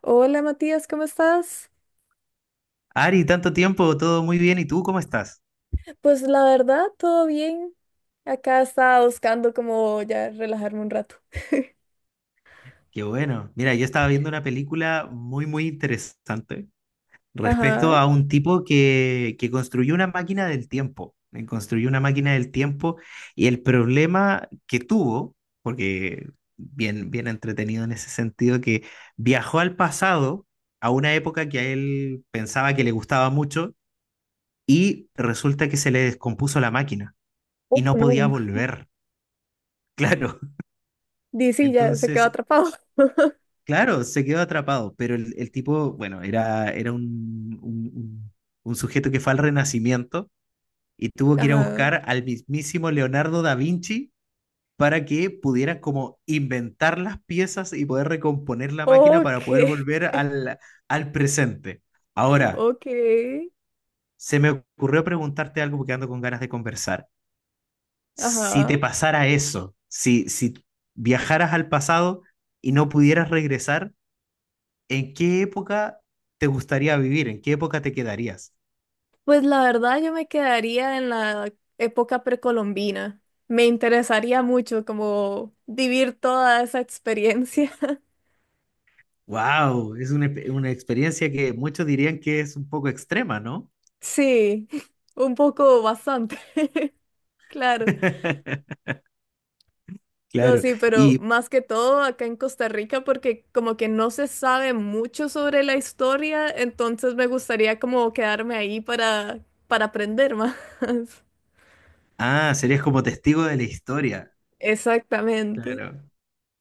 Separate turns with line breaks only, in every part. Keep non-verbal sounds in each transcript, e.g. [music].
Hola Matías, ¿cómo estás?
Ari, tanto tiempo, todo muy bien. ¿Y tú cómo estás?
Pues la verdad, todo bien. Acá estaba buscando como ya relajarme un rato.
Qué bueno. Mira, yo estaba viendo una película muy, muy interesante respecto
Ajá.
a un tipo que construyó una máquina del tiempo. Construyó una máquina del tiempo y el problema que tuvo, porque bien, bien entretenido en ese sentido, que viajó al pasado, a una época que a él pensaba que le gustaba mucho, y resulta que se le descompuso la máquina y
Oh,
no podía
no.
volver. [laughs] Claro.
Dice, ya se quedó
Entonces,
atrapado. [laughs]
claro, se quedó atrapado, pero el tipo, bueno, era un sujeto que fue al Renacimiento y tuvo que ir a
Ajá.
buscar al mismísimo Leonardo da Vinci para que pudieran como inventar las piezas y poder recomponer la máquina para
Ok.
poder volver al presente.
[laughs]
Ahora,
Ok.
se me ocurrió preguntarte algo porque ando con ganas de conversar. Si te
Ajá.
pasara eso, si viajaras al pasado y no pudieras regresar, ¿en qué época te gustaría vivir? ¿En qué época te quedarías?
Pues la verdad, yo me quedaría en la época precolombina. Me interesaría mucho como vivir toda esa experiencia. [laughs]
Wow, es una experiencia que muchos dirían que es un poco extrema, ¿no?
Sí, un poco bastante. [laughs] Claro.
[laughs]
No,
Claro.
sí, pero
Y,
más que todo acá en Costa Rica, porque como que no se sabe mucho sobre la historia, entonces me gustaría como quedarme ahí para aprender más. [laughs]
ah, serías como testigo de la historia.
Exactamente.
Claro.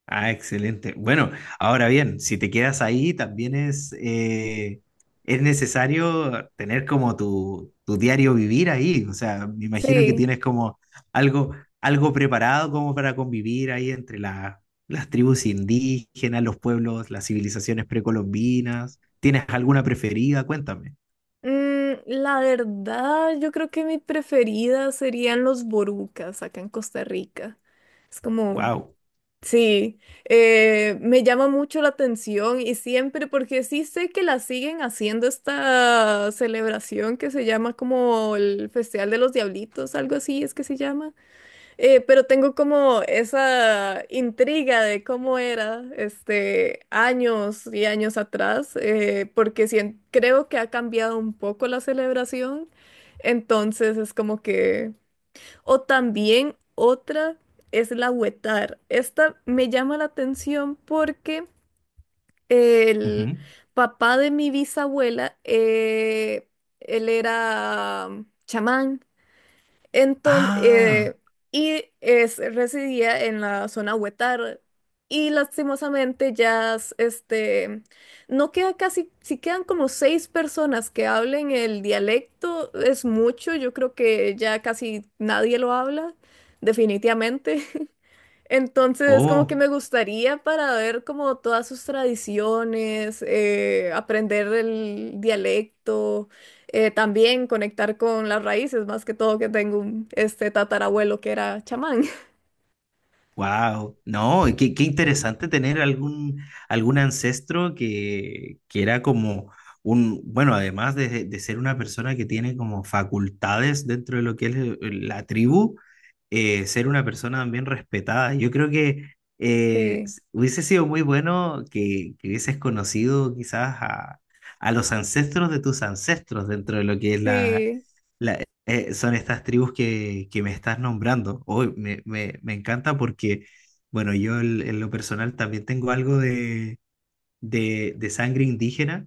Ah, excelente. Bueno, ahora bien, si te quedas ahí, también es necesario tener como tu, diario vivir ahí. O sea, me imagino que
Sí.
tienes como algo, algo preparado como para convivir ahí entre las tribus indígenas, los pueblos, las civilizaciones precolombinas. ¿Tienes alguna preferida? Cuéntame.
Mm, la verdad, yo creo que mi preferida serían los borucas acá en Costa Rica. Es como
Wow.
sí, me llama mucho la atención y siempre, porque sí sé que la siguen haciendo esta celebración que se llama como el Festival de los Diablitos, algo así es que se llama. Pero tengo como esa intriga de cómo era este años y años atrás, porque creo que ha cambiado un poco la celebración, entonces es como que... O también otra es la huetar. Esta me llama la atención porque el papá de mi bisabuela, él era chamán. Entonces,
Ah,
y es, residía en la zona Huetar. Y lastimosamente ya, este, no queda casi, si quedan como 6 personas que hablen el dialecto, es mucho, yo creo que ya casi nadie lo habla, definitivamente. Entonces, como que
oh.
me gustaría para ver como todas sus tradiciones, aprender el dialecto, también conectar con las raíces, más que todo que tengo un este tatarabuelo que era chamán. [laughs]
Wow, no, y qué interesante tener algún ancestro que era como bueno, además de ser una persona que tiene como facultades dentro de lo que es la tribu, ser una persona también respetada. Yo creo que
Sí,
hubiese sido muy bueno que hubieses conocido quizás a los ancestros de tus ancestros dentro de lo que es
sí,
son estas tribus que me estás nombrando. Hoy me, me encanta porque, bueno, yo en lo personal también tengo algo de sangre indígena.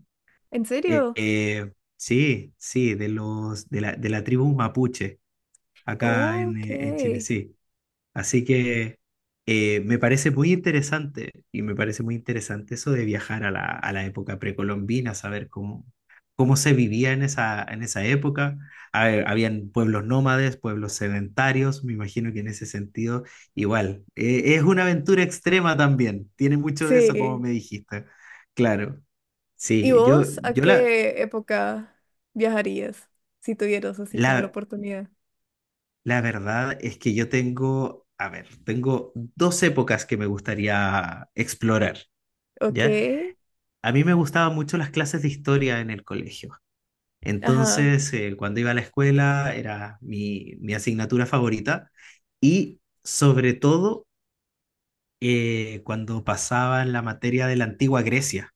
¿en
Eh,
serio?
eh, sí, sí, de la tribu mapuche acá
Ok,
en Chile, sí. Así que me parece muy interesante y me parece muy interesante eso de viajar a la, época precolombina, saber cómo se vivía en esa época. A ver, habían pueblos nómades, pueblos sedentarios, me imagino que en ese sentido igual. Es una aventura extrema también, tiene mucho de eso como
sí.
me dijiste. Claro,
¿Y
sí, yo,
vos a
yo
qué época viajarías si tuvieras así como la
la,
oportunidad?
la verdad es que yo tengo, a ver, tengo dos épocas que me gustaría explorar.
Ok,
¿Ya? A mí me gustaban mucho las clases de historia en el colegio.
ajá.
Entonces, cuando iba a la escuela era mi asignatura favorita y sobre todo cuando pasaba en la materia de la antigua Grecia,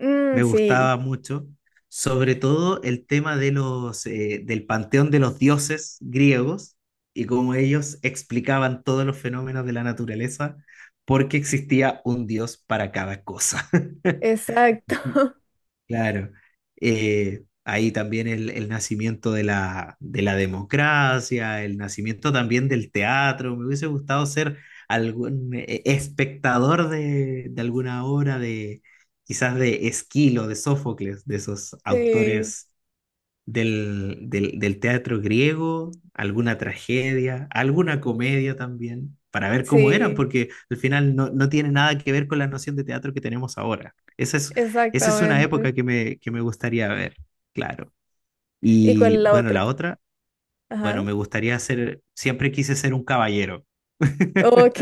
Mm,
me gustaba
sí,
mucho, sobre todo el tema del panteón de los dioses griegos y cómo ellos explicaban todos los fenómenos de la naturaleza porque existía un dios para cada cosa. [laughs]
exacto, [laughs]
Claro. Ahí también el nacimiento de la, democracia, el nacimiento también del teatro. Me hubiese gustado ser algún espectador de, alguna obra quizás de Esquilo, de Sófocles, de esos
sí.
autores del teatro griego, alguna tragedia, alguna comedia también, para ver cómo eran,
Sí,
porque al final no tiene nada que ver con la noción de teatro que tenemos ahora. Esa es una
exactamente.
época que me gustaría ver, claro.
¿Y cuál
Y
es la
bueno, la
otra?
otra, bueno,
Ajá.
siempre quise ser un caballero. [laughs]
Ok.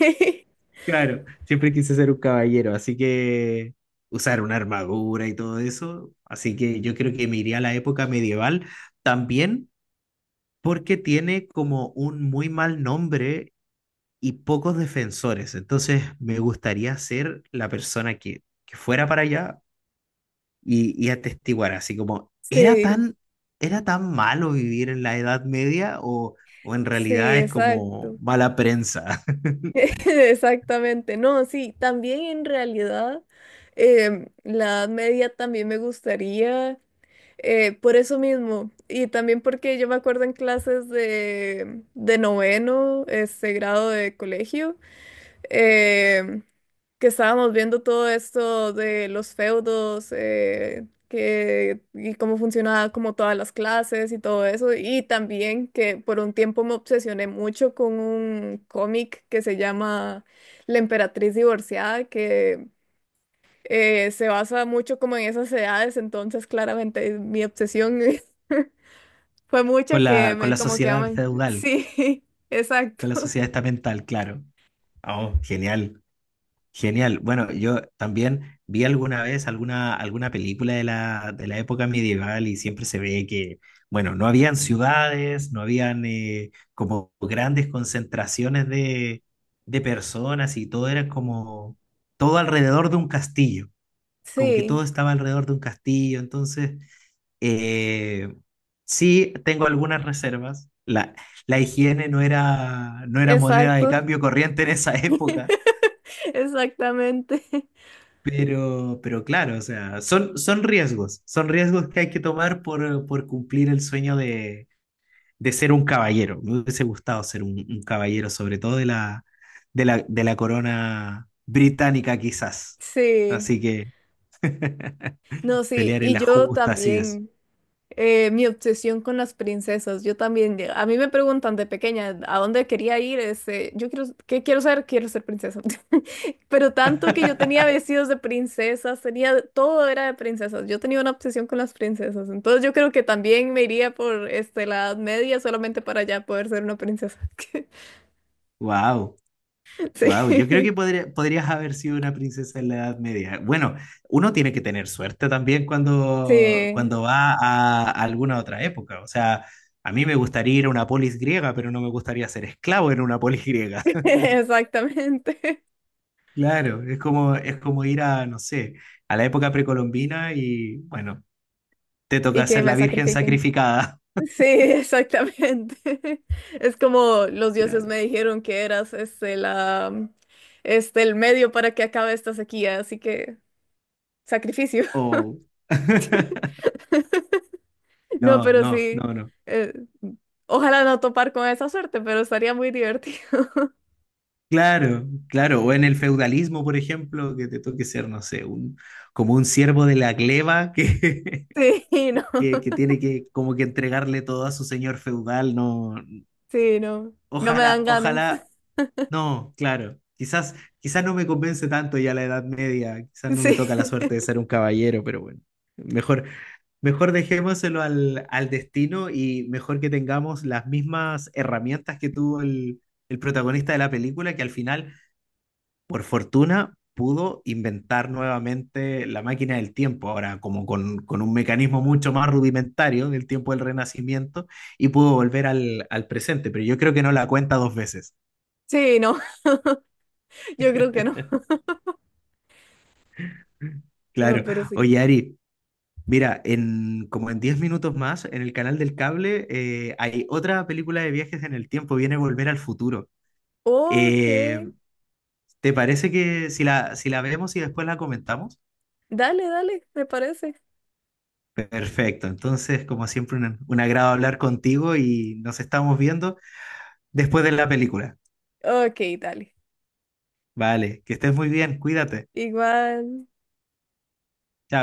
[laughs]
Claro, siempre quise ser un caballero, así que usar una armadura y todo eso. Así que yo creo que me iría a la época medieval también porque tiene como un muy mal nombre y pocos defensores. Entonces, me gustaría ser la persona que fuera para allá y atestiguar, así como,
Sí,
¿era tan malo vivir en la Edad Media o en
sí,
realidad es como
exacto.
mala prensa
[laughs] Exactamente. No, sí, también en realidad la Edad Media también me gustaría, por eso mismo. Y también porque yo me acuerdo en clases de noveno, este grado de colegio. eh, que estábamos viendo todo esto de los feudos, que, y cómo funcionaba como todas las clases y todo eso, y también que por un tiempo me obsesioné mucho con un cómic que se llama La Emperatriz Divorciada, que se basa mucho como en esas edades, entonces claramente mi obsesión [laughs] fue
[laughs]
mucha
con
que
la, con
me
la
como que
sociedad
aman.
feudal,
Sí, [laughs]
con la
exacto.
sociedad estamental, claro. Oh, genial. Genial. Bueno, yo también vi alguna vez alguna película de la, época medieval y siempre se ve que, bueno, no habían ciudades, no habían como grandes concentraciones de personas y todo era como todo alrededor de un castillo, como que todo
Sí,
estaba alrededor de un castillo. Entonces, eh, sí, tengo algunas reservas. La higiene no era moneda de
exacto.
cambio corriente en esa [laughs] época.
[laughs] Exactamente.
Pero claro, o sea, son riesgos, son riesgos que hay que tomar por cumplir el sueño de ser un caballero. Me hubiese gustado ser un caballero, sobre todo de la, corona británica, quizás.
Sí.
Así que
No, sí.
pelear en
Y
las
yo
justas y eso.
también, mi obsesión con las princesas, yo también, a mí me preguntan de pequeña a dónde quería ir, este, yo quiero, ¿qué quiero ser? Quiero ser princesa. [laughs] Pero tanto que yo tenía vestidos de princesas, tenía, todo era de princesas. Yo tenía una obsesión con las princesas. Entonces yo creo que también me iría por, este, la Edad Media solamente para ya poder ser una princesa. [laughs]
¡Wow! Wow, yo creo
Sí.
que podrías haber sido una princesa en la Edad Media. Bueno, uno tiene que tener suerte también cuando,
Sí.
cuando va a alguna otra época. O sea, a mí me gustaría ir a una polis griega, pero no me gustaría ser esclavo en una polis griega.
[laughs]
[laughs]
Exactamente.
Claro, es como ir a, no sé, a la época precolombina y, bueno, te
Y
toca
que
ser
me
la virgen
sacrifiquen.
sacrificada.
Sí, [laughs] exactamente. [laughs] Es como los
[laughs]
dioses
Claro.
me dijeron que eras este la este el medio para que acabe esta sequía, así que sacrificio. [laughs]
O... [laughs]
No,
No,
pero
no,
sí.
no, no.
eh, Ojalá no topar con esa suerte, pero estaría muy divertido. [laughs]
Claro, claro, o en el feudalismo, por ejemplo, que te toque ser, no sé, como un siervo de la gleba que,
Sí,
[laughs]
no.
que tiene que como que entregarle todo a su señor feudal, no,
Sí, no. No me
ojalá,
dan ganas. [laughs]
ojalá, no, claro, quizás, quizás no me convence tanto ya la Edad Media, quizás no me
Sí.
toca la suerte de ser un caballero, pero bueno, mejor, mejor dejémoselo al, destino y mejor que tengamos las mismas herramientas que tuvo el protagonista de la película, que al final por fortuna, pudo inventar nuevamente la máquina del tiempo, ahora como con, un mecanismo mucho más rudimentario del tiempo del Renacimiento, y pudo volver al presente, pero yo creo que no la cuenta dos veces.
Sí, no. Yo creo que no.
[laughs]
No,
Claro.
pero sí.
Oye, Ari, mira, como en 10 minutos más, en el canal del cable hay otra película de viajes en el tiempo, viene Volver al Futuro.
Ok.
Eh, ¿Te parece que si la, vemos y después la comentamos?
Dale, dale, me parece.
Perfecto, entonces como siempre un agrado hablar contigo y nos estamos viendo después de la película.
Ok, dale.
Vale, que estés muy bien, cuídate.
Igual.
Chao.